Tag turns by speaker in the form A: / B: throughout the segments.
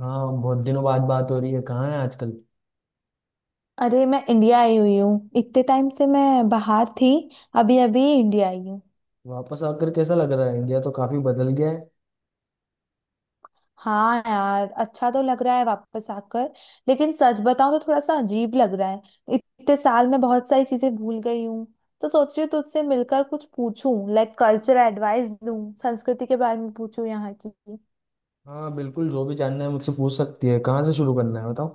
A: हाँ, बहुत दिनों बाद बात हो रही है। कहाँ है आजकल?
B: अरे मैं इंडिया आई हुई हूँ, इतने टाइम से मैं बाहर थी। अभी अभी इंडिया आई हूँ।
A: वापस आकर कैसा लग रहा है? इंडिया तो काफी बदल गया है।
B: हाँ यार, अच्छा तो लग रहा है वापस आकर। लेकिन सच बताऊँ तो थोड़ा सा अजीब लग रहा है। इतने साल में बहुत सारी चीजें भूल गई हूँ। तो सोच रही हूँ तुझसे मिलकर कुछ पूछूं, लाइक कल्चरल एडवाइस दूं, संस्कृति के बारे में पूछूं यहाँ की।
A: हाँ बिल्कुल, जो भी जानना है मुझसे पूछ सकती है। कहाँ से शुरू करना है बताओ।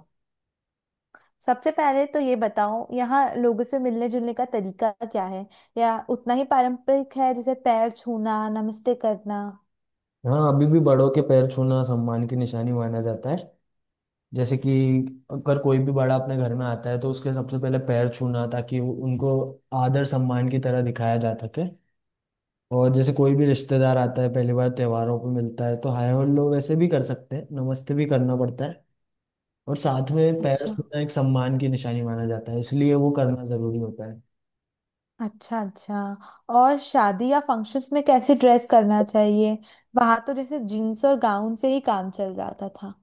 B: सबसे पहले तो ये बताओ, यहाँ लोगों से मिलने जुलने का तरीका क्या है? या उतना ही पारंपरिक है जैसे पैर छूना, नमस्ते करना?
A: हाँ, अभी भी बड़ों के पैर छूना सम्मान की निशानी माना जाता है। जैसे कि अगर कोई भी बड़ा अपने घर में आता है तो उसके सबसे पहले पैर छूना, ताकि उनको आदर सम्मान की तरह दिखाया जा सके। और जैसे कोई भी रिश्तेदार आता है, पहली बार त्योहारों पे मिलता है, तो हाय हेलो वैसे भी कर सकते हैं, नमस्ते भी करना पड़ता है। और साथ में पैर
B: अच्छा।
A: छूना एक सम्मान की निशानी माना जाता है, इसलिए वो करना जरूरी होता है।
B: अच्छा अच्छा। और शादी या फंक्शंस में कैसे ड्रेस करना चाहिए? वहां तो जैसे जीन्स और गाउन से ही काम चल जाता था।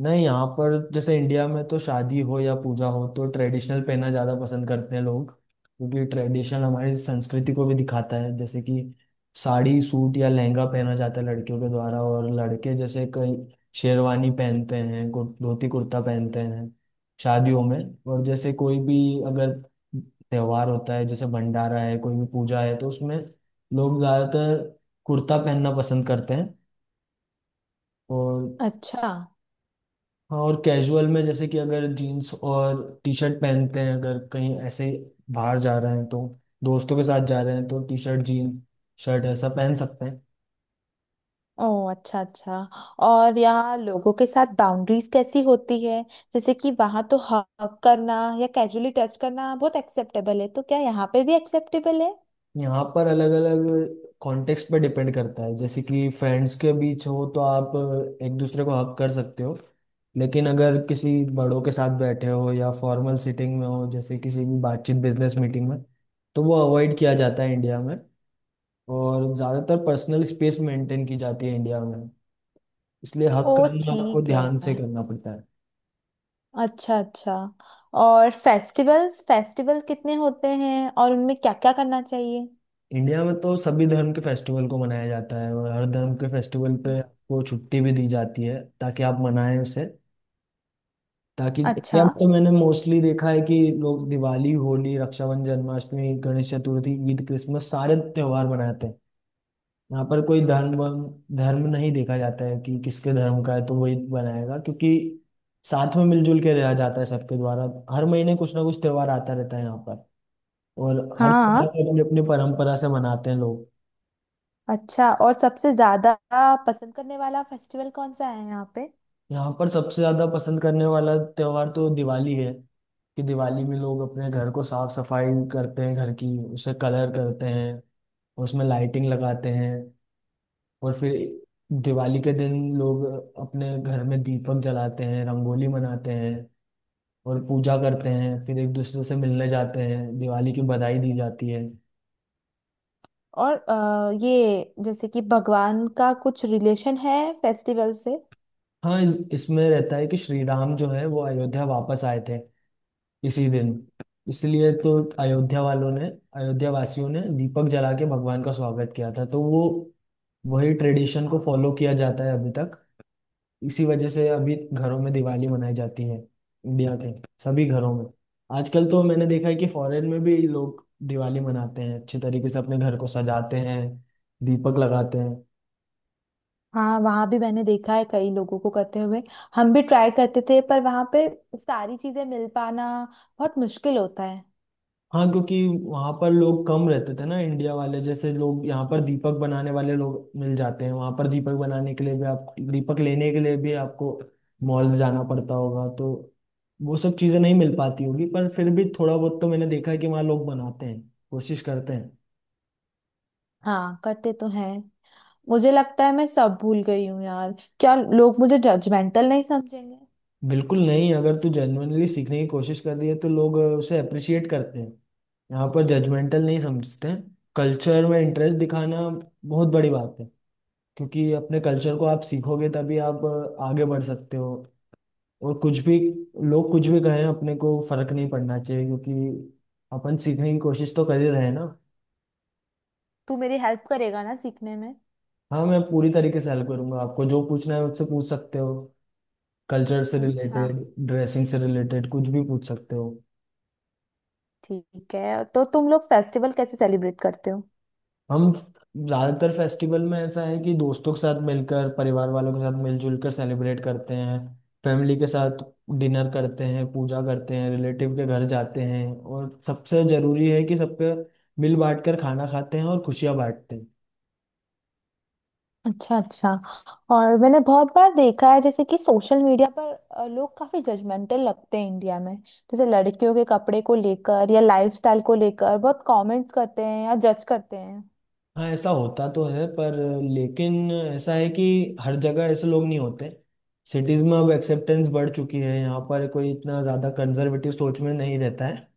A: नहीं, यहाँ पर जैसे इंडिया में तो शादी हो या पूजा हो तो ट्रेडिशनल पहनना ज़्यादा पसंद करते हैं लोग, क्योंकि ट्रेडिशनल हमारी संस्कृति को भी दिखाता है। जैसे कि साड़ी, सूट या लहंगा पहना जाता है लड़कियों के द्वारा, और लड़के जैसे कई शेरवानी पहनते हैं, धोती कुर्ता पहनते हैं शादियों में। और जैसे कोई भी अगर त्योहार होता है, जैसे भंडारा है, कोई भी पूजा है, तो उसमें लोग ज़्यादातर कुर्ता पहनना पसंद करते हैं। और
B: अच्छा।
A: हाँ, और कैजुअल में जैसे कि अगर जीन्स और टी शर्ट पहनते हैं, अगर कहीं ऐसे बाहर जा रहे हैं तो, दोस्तों के साथ जा रहे हैं, तो टी शर्ट जीन्स शर्ट ऐसा पहन सकते हैं।
B: ओ अच्छा अच्छा। और यहाँ लोगों के साथ बाउंड्रीज कैसी होती है? जैसे कि वहां तो हग करना या कैजुअली टच करना बहुत एक्सेप्टेबल है, तो क्या यहाँ पे भी एक्सेप्टेबल है?
A: यहाँ पर अलग अलग कॉन्टेक्स्ट पर डिपेंड करता है। जैसे कि फ्रेंड्स के बीच हो तो आप एक दूसरे को हक कर सकते हो, लेकिन अगर किसी बड़ों के साथ बैठे हो या फॉर्मल सीटिंग में हो, जैसे किसी भी बातचीत बिजनेस मीटिंग में, तो वो अवॉइड किया जाता है इंडिया में। और ज़्यादातर पर्सनल स्पेस मेंटेन की जाती है इंडिया में, इसलिए हक
B: ओ
A: कर्म आपको
B: ठीक
A: ध्यान
B: है।
A: से करना पड़ता है।
B: अच्छा अच्छा। और फेस्टिवल्स, फेस्टिवल कितने होते हैं और उनमें क्या क्या करना चाहिए?
A: इंडिया में तो सभी धर्म के फेस्टिवल को मनाया जाता है, और हर धर्म के फेस्टिवल पे आपको छुट्टी भी दी जाती है, ताकि आप मनाएं उसे। ताकि इंडिया
B: अच्छा।
A: में तो मैंने मोस्टली देखा है कि लोग दिवाली, होली, रक्षाबंधन, जन्माष्टमी, गणेश चतुर्थी, ईद, क्रिसमस सारे त्योहार मनाते हैं। यहाँ पर कोई धर्म धर्म नहीं देखा जाता है कि किसके धर्म का है तो वही बनाएगा, क्योंकि साथ में मिलजुल के रहा जाता है सबके द्वारा। हर महीने कुछ ना कुछ त्योहार आता रहता है यहाँ पर। और हर
B: हाँ।
A: त्योहार को अपनी अपनी परंपरा से मनाते हैं लोग।
B: अच्छा, और सबसे ज्यादा पसंद करने वाला फेस्टिवल कौन सा है यहाँ पे?
A: यहाँ पर सबसे ज्यादा पसंद करने वाला त्योहार तो दिवाली है। कि दिवाली में लोग अपने घर को साफ सफाई करते हैं, घर की, उसे कलर करते हैं, उसमें लाइटिंग लगाते हैं, और फिर दिवाली के दिन लोग अपने घर में दीपक जलाते हैं, रंगोली मनाते हैं, और पूजा करते हैं। फिर एक दूसरे से मिलने जाते हैं, दिवाली की बधाई दी जाती है।
B: और ये जैसे कि भगवान का कुछ रिलेशन है फेस्टिवल से?
A: हाँ, इसमें रहता है कि श्री राम जो है वो अयोध्या वापस आए थे इसी दिन। इसलिए तो अयोध्या वालों ने, अयोध्या वासियों ने दीपक जला के भगवान का स्वागत किया था, तो वो वही ट्रेडिशन को फॉलो किया जाता है अभी तक। इसी वजह से अभी घरों में दिवाली मनाई जाती है इंडिया के सभी घरों में। आजकल तो मैंने देखा है कि फॉरेन में भी लोग दिवाली मनाते हैं, अच्छे तरीके से अपने घर को सजाते हैं, दीपक लगाते हैं।
B: हाँ, वहाँ भी मैंने देखा है कई लोगों को करते हुए। हम भी ट्राई करते थे, पर वहाँ पे सारी चीजें मिल पाना बहुत मुश्किल होता है।
A: हाँ क्योंकि वहां पर लोग कम रहते थे ना इंडिया वाले। जैसे लोग यहाँ पर दीपक बनाने वाले लोग मिल जाते हैं, वहां पर दीपक बनाने के लिए भी, आप दीपक लेने के लिए भी आपको मॉल जाना पड़ता होगा। तो वो सब चीजें नहीं मिल पाती होगी, पर फिर भी थोड़ा बहुत तो मैंने देखा है कि वहाँ लोग बनाते हैं, कोशिश करते हैं।
B: हाँ, करते तो हैं। मुझे लगता है मैं सब भूल गई हूँ यार। क्या लोग मुझे जजमेंटल नहीं समझेंगे?
A: बिल्कुल नहीं, अगर तू जेन्युइनली सीखने की कोशिश कर रही है तो लोग उसे अप्रिशिएट करते हैं। यहाँ पर जजमेंटल नहीं समझते। कल्चर में इंटरेस्ट दिखाना बहुत बड़ी बात है, क्योंकि अपने कल्चर को आप सीखोगे तभी आप आगे बढ़ सकते हो। और कुछ भी लोग कुछ भी कहें, अपने को फर्क नहीं पड़ना चाहिए, क्योंकि अपन सीखने की कोशिश तो कर ही रहे हैं ना।
B: तू मेरी हेल्प करेगा ना सीखने में?
A: हाँ, मैं पूरी तरीके से हेल्प करूंगा आपको। जो पूछना है मुझसे पूछ सकते हो, कल्चर से
B: अच्छा,
A: रिलेटेड, ड्रेसिंग से रिलेटेड कुछ भी पूछ सकते हो।
B: ठीक है। तो तुम लोग फेस्टिवल कैसे सेलिब्रेट करते हो?
A: हम ज्यादातर फेस्टिवल में ऐसा है कि दोस्तों के साथ मिलकर, परिवार वालों के साथ मिलजुल कर सेलिब्रेट करते हैं। फैमिली के साथ डिनर करते हैं, पूजा करते हैं, रिलेटिव के घर जाते हैं, और सबसे जरूरी है कि सबके मिल बांट कर खाना खाते हैं और खुशियां बांटते हैं।
B: अच्छा अच्छा। और मैंने बहुत बार देखा है, जैसे कि सोशल मीडिया पर लोग काफी जजमेंटल लगते हैं इंडिया में, जैसे लड़कियों के कपड़े को लेकर या लाइफस्टाइल को लेकर बहुत कमेंट्स करते हैं या जज करते हैं।
A: हाँ ऐसा होता तो है, पर लेकिन ऐसा है कि हर जगह ऐसे लोग नहीं होते। सिटीज में अब एक्सेप्टेंस बढ़ चुकी है, यहाँ पर कोई इतना ज़्यादा कंजर्वेटिव सोच में नहीं रहता है।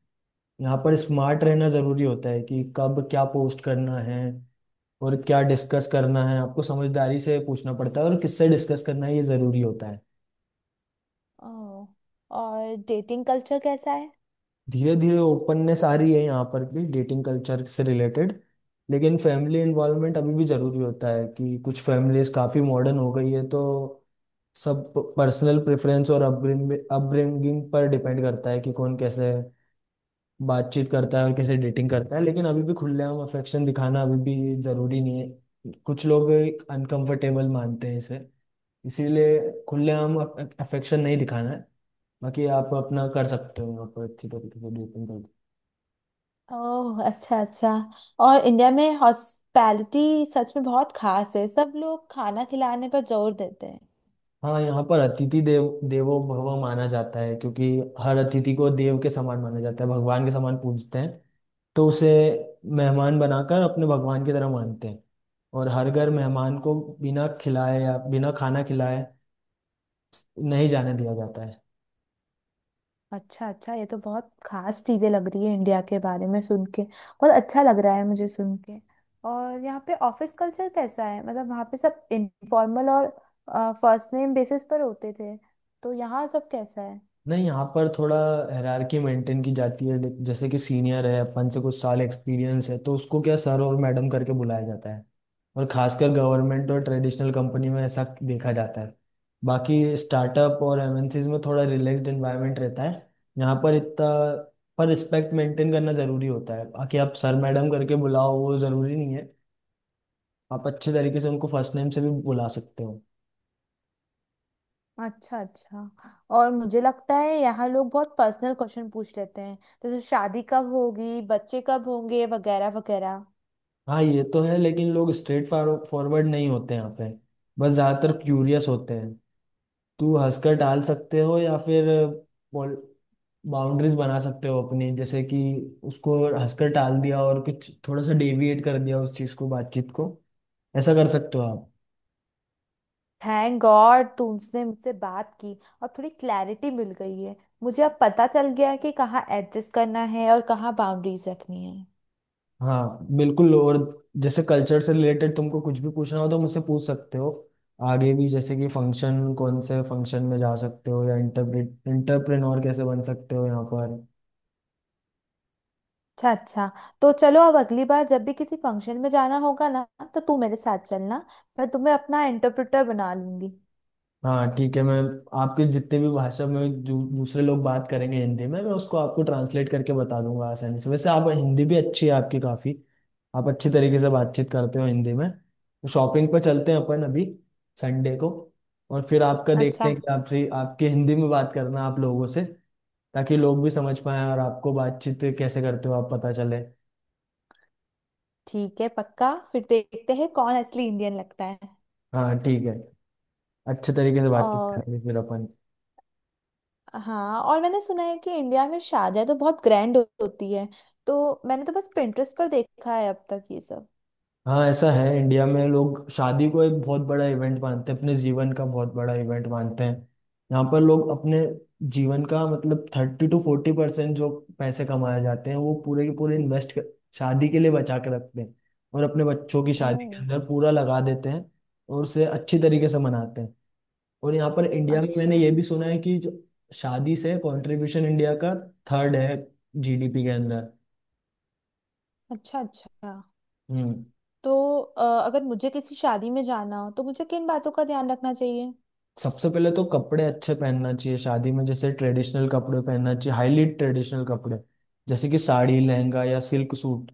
A: यहाँ पर स्मार्ट रहना ज़रूरी होता है कि कब क्या पोस्ट करना है और क्या डिस्कस करना है। आपको समझदारी से पूछना पड़ता है और किससे डिस्कस करना है ये ज़रूरी होता है।
B: ओह, और डेटिंग कल्चर कैसा है?
A: धीरे धीरे ओपननेस आ रही है यहाँ पर भी, डेटिंग कल्चर से रिलेटेड। लेकिन फैमिली इन्वॉल्वमेंट अभी भी ज़रूरी होता है। कि कुछ फैमिलीज काफ़ी मॉडर्न हो गई है, तो सब पर्सनल प्रेफरेंस और अपब्रिंगिंग पर डिपेंड करता है कि कौन कैसे बातचीत करता है और कैसे डेटिंग करता है। लेकिन अभी भी खुलेआम अफेक्शन दिखाना अभी भी ज़रूरी नहीं है। कुछ लोग अनकंफर्टेबल मानते हैं इसे, इसीलिए खुलेआम अफेक्शन नहीं दिखाना है। बाकी आप अपना कर सकते हो यहाँ पर अच्छी तरीके से डेटिंग।
B: ओह अच्छा अच्छा। और इंडिया में हॉस्पिटैलिटी सच में बहुत खास है, सब लोग खाना खिलाने पर जोर देते हैं।
A: हाँ, यहाँ पर अतिथि देव देवो भव माना जाता है, क्योंकि हर अतिथि को देव के समान माना जाता है, भगवान के समान पूजते हैं। तो उसे मेहमान बनाकर अपने भगवान की तरह मानते हैं। और हर घर मेहमान को बिना खिलाए या बिना खाना खिलाए नहीं जाने दिया जाता है।
B: अच्छा अच्छा, ये तो बहुत खास चीजें लग रही है इंडिया के बारे में, सुन के बहुत अच्छा लग रहा है मुझे, सुन के। और यहाँ पे ऑफिस कल्चर कैसा है? मतलब वहाँ पे सब इनफॉर्मल और फर्स्ट नेम बेसिस पर होते थे, तो यहाँ सब कैसा है?
A: नहीं, यहाँ पर थोड़ा हायरार्की मेंटेन की जाती है। लेकिन जैसे कि सीनियर है, अपन से कुछ साल एक्सपीरियंस है, तो उसको क्या सर और मैडम करके बुलाया जाता है। और खासकर गवर्नमेंट और ट्रेडिशनल कंपनी में ऐसा देखा जाता है। बाकी स्टार्टअप और एमएनसीज में थोड़ा रिलैक्स्ड एनवायरनमेंट रहता है। यहाँ पर इतना पर रिस्पेक्ट मेंटेन करना ज़रूरी होता है, बाकी आप सर मैडम करके बुलाओ वो ज़रूरी नहीं है। आप अच्छे तरीके से उनको फर्स्ट नेम से भी बुला सकते हो।
B: अच्छा अच्छा। और मुझे लगता है यहाँ लोग बहुत पर्सनल क्वेश्चन पूछ लेते हैं, जैसे शादी कब होगी, बच्चे कब होंगे, वगैरह वगैरह।
A: हाँ ये तो है, लेकिन लोग स्ट्रेट फॉरवर्ड नहीं होते यहाँ पे, बस ज़्यादातर क्यूरियस होते हैं। तू हंसकर टाल सकते हो या फिर बाउंड्रीज बना सकते हो अपनी। जैसे कि उसको हंसकर टाल दिया, और कुछ थोड़ा सा डेविएट कर दिया उस चीज़ को, बातचीत को, ऐसा कर सकते हो आप।
B: थैंक गॉड तुमने मुझसे बात की और थोड़ी क्लैरिटी मिल गई है। मुझे अब पता चल गया है कि कहाँ एडजस्ट करना है और कहाँ बाउंड्रीज रखनी है।
A: हाँ बिल्कुल, और जैसे कल्चर से रिलेटेड तुमको कुछ भी पूछना हो तो मुझसे पूछ सकते हो, आगे भी, जैसे कि फंक्शन, कौन से फंक्शन में जा सकते हो या इंटरप्रेट इंटरप्रेन्योर कैसे बन सकते हो यहाँ पर।
B: अच्छा अच्छा। तो चलो अब अगली बार जब भी किसी फंक्शन में जाना होगा ना, तो तू मेरे साथ चलना, मैं तुम्हें अपना इंटरप्रेटर बना लूंगी।
A: हाँ ठीक है, मैं आपके जितने भी भाषा में जो दूसरे लोग बात करेंगे हिंदी में, मैं उसको आपको ट्रांसलेट करके बता दूंगा आसानी से। वैसे आप हिंदी भी अच्छी है आपकी, काफ़ी आप अच्छी तरीके से बातचीत करते हो हिंदी में। तो शॉपिंग पर चलते हैं अपन अभी, संडे को, और फिर आपका देखते
B: अच्छा,
A: हैं कि आपसे आपकी हिंदी में बात करना आप लोगों से, ताकि लोग भी समझ पाए और आपको बातचीत कैसे करते हो आप पता चले।
B: ठीक है, पक्का। फिर देखते हैं कौन असली इंडियन लगता है।
A: हाँ ठीक है, अच्छे तरीके से बातचीत
B: और
A: करेंगे फिर अपन।
B: हाँ, और मैंने सुना है कि इंडिया में शादियां तो बहुत ग्रैंड होती है। तो मैंने तो बस पिंटरेस्ट पर देखा है अब तक ये सब।
A: हाँ ऐसा है, इंडिया में लोग शादी को एक बहुत बड़ा इवेंट मानते हैं, अपने जीवन का बहुत बड़ा इवेंट मानते हैं। यहाँ पर लोग अपने जीवन का मतलब 30-40% जो पैसे कमाए जाते हैं वो पूरे के पूरे इन्वेस्ट कर शादी के लिए बचा के रखते हैं, और अपने बच्चों की शादी के
B: ओह,
A: अंदर पूरा लगा देते हैं, और उसे अच्छी तरीके से मनाते हैं। और यहाँ पर इंडिया में मैंने
B: अच्छा
A: ये भी सुना है कि जो शादी से कंट्रीब्यूशन इंडिया का थर्ड है जीडीपी के अंदर।
B: अच्छा। अच्छा,
A: हम्म।
B: तो अगर मुझे किसी शादी में जाना हो तो मुझे किन बातों का ध्यान रखना चाहिए?
A: सबसे पहले तो कपड़े अच्छे पहनना चाहिए शादी में, जैसे ट्रेडिशनल कपड़े पहनना चाहिए, हाईली ट्रेडिशनल कपड़े, जैसे कि साड़ी, लहंगा या सिल्क सूट,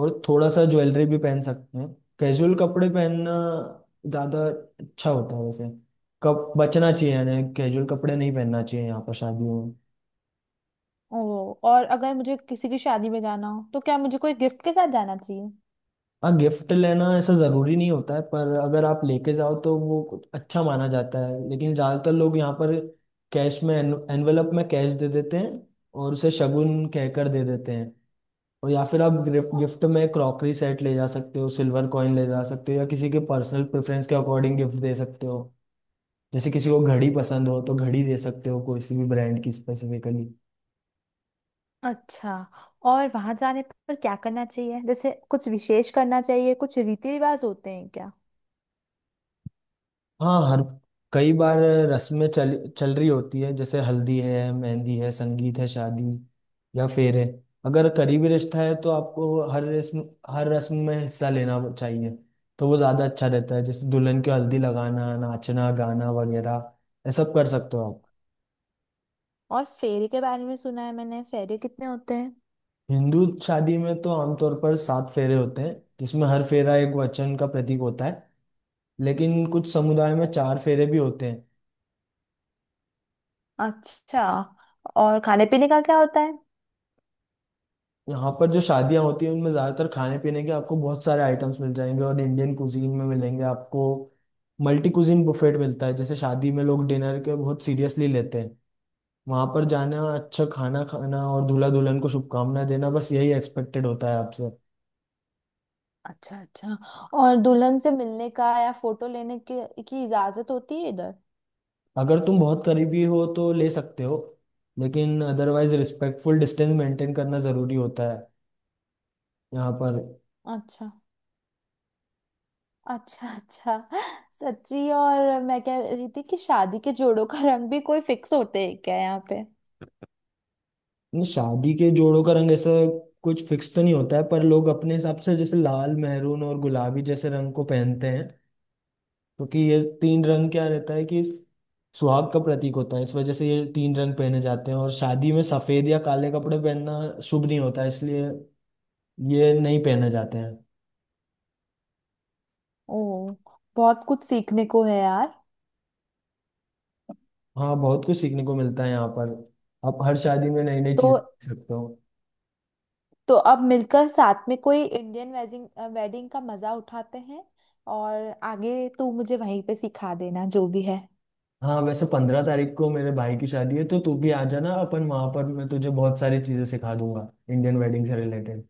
A: और थोड़ा सा ज्वेलरी भी पहन सकते हैं। कैजुअल कपड़े पहनना ज़्यादा अच्छा होता है वैसे, कब बचना चाहिए यानी कैजुअल कपड़े नहीं पहनना चाहिए यहाँ पर शादियों।
B: ओ, और अगर मुझे किसी की शादी में जाना हो तो क्या मुझे कोई गिफ्ट के साथ जाना चाहिए?
A: हाँ, गिफ्ट लेना ऐसा ज़रूरी नहीं होता है, पर अगर आप लेके जाओ तो वो कुछ अच्छा माना जाता है। लेकिन ज़्यादातर लोग यहाँ पर कैश में, एनवेलप में कैश दे देते हैं, और उसे शगुन कहकर दे देते हैं। और या फिर आप गिफ्ट गिफ्ट में क्रॉकरी सेट ले जा सकते हो, सिल्वर कॉइन ले जा सकते हो, या किसी के पर्सनल प्रेफरेंस के अकॉर्डिंग गिफ्ट दे सकते हो। जैसे किसी को घड़ी पसंद हो तो घड़ी दे सकते हो, किसी भी ब्रांड की स्पेसिफिकली।
B: अच्छा। और वहां जाने पर क्या करना चाहिए? जैसे कुछ विशेष करना चाहिए? कुछ रीति रिवाज होते हैं क्या?
A: हाँ, हर कई बार रस्में चल चल रही होती है, जैसे हल्दी है, मेहंदी है, संगीत है, शादी या फेरे। अगर करीबी रिश्ता है तो आपको हर रस्म, हर रस्म में हिस्सा लेना चाहिए, तो वो ज़्यादा अच्छा रहता है। जैसे दुल्हन को हल्दी लगाना, नाचना गाना वगैरह, ये सब कर सकते हो आप।
B: और फेरे के बारे में सुना है मैंने, फेरे कितने होते हैं?
A: हिंदू शादी में तो आमतौर पर 7 फेरे होते हैं, जिसमें हर फेरा एक वचन का प्रतीक होता है। लेकिन कुछ समुदाय में 4 फेरे भी होते हैं।
B: अच्छा। और खाने पीने का क्या होता है?
A: यहाँ पर जो शादियाँ होती हैं उनमें ज़्यादातर खाने पीने के आपको बहुत सारे आइटम्स मिल जाएंगे, और इंडियन कुजीन में मिलेंगे आपको, मल्टी कुजीन बुफेट मिलता है। जैसे शादी में लोग डिनर के बहुत सीरियसली लेते हैं। वहाँ पर जाना, अच्छा खाना खाना और दूल्हा दुल्हन को शुभकामनाएं देना बस यही एक्सपेक्टेड होता है आपसे।
B: अच्छा अच्छा। और दुल्हन से मिलने का या फोटो लेने के की इजाजत होती है इधर?
A: अगर तुम बहुत करीबी हो तो ले सकते हो, लेकिन अदरवाइज रिस्पेक्टफुल डिस्टेंस मेंटेन करना ज़रूरी होता है यहाँ पर।
B: अच्छा अच्छा अच्छा। सच्ची, और मैं कह रही थी कि शादी के जोड़ों का रंग भी कोई फिक्स होते हैं क्या यहाँ पे?
A: नहीं, शादी के जोड़ों का रंग ऐसा कुछ फिक्स तो नहीं होता है, पर लोग अपने हिसाब से जैसे लाल, मैरून और गुलाबी जैसे रंग को पहनते हैं, क्योंकि ये तीन रंग क्या रहता है कि सुहाग का प्रतीक होता है। इस वजह से ये तीन रंग पहने जाते हैं। और शादी में सफेद या काले कपड़े पहनना शुभ नहीं होता, इसलिए ये नहीं पहने जाते हैं।
B: ओ, बहुत कुछ सीखने को है यार।
A: हाँ बहुत कुछ सीखने को मिलता है यहाँ पर, आप हर शादी में नई नई
B: तो
A: चीज सीख सकते हो।
B: तो अब मिलकर साथ में कोई इंडियन वेडिंग वेडिंग का मजा उठाते हैं। और आगे तू मुझे वहीं पे सिखा देना जो भी है।
A: हाँ वैसे 15 तारीख को मेरे भाई की शादी है, तो तू भी आ जाना, अपन वहां पर मैं तुझे बहुत सारी चीजें सिखा दूंगा इंडियन वेडिंग से रिलेटेड।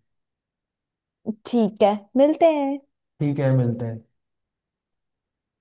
B: ठीक है, मिलते हैं।
A: ठीक है, मिलते हैं।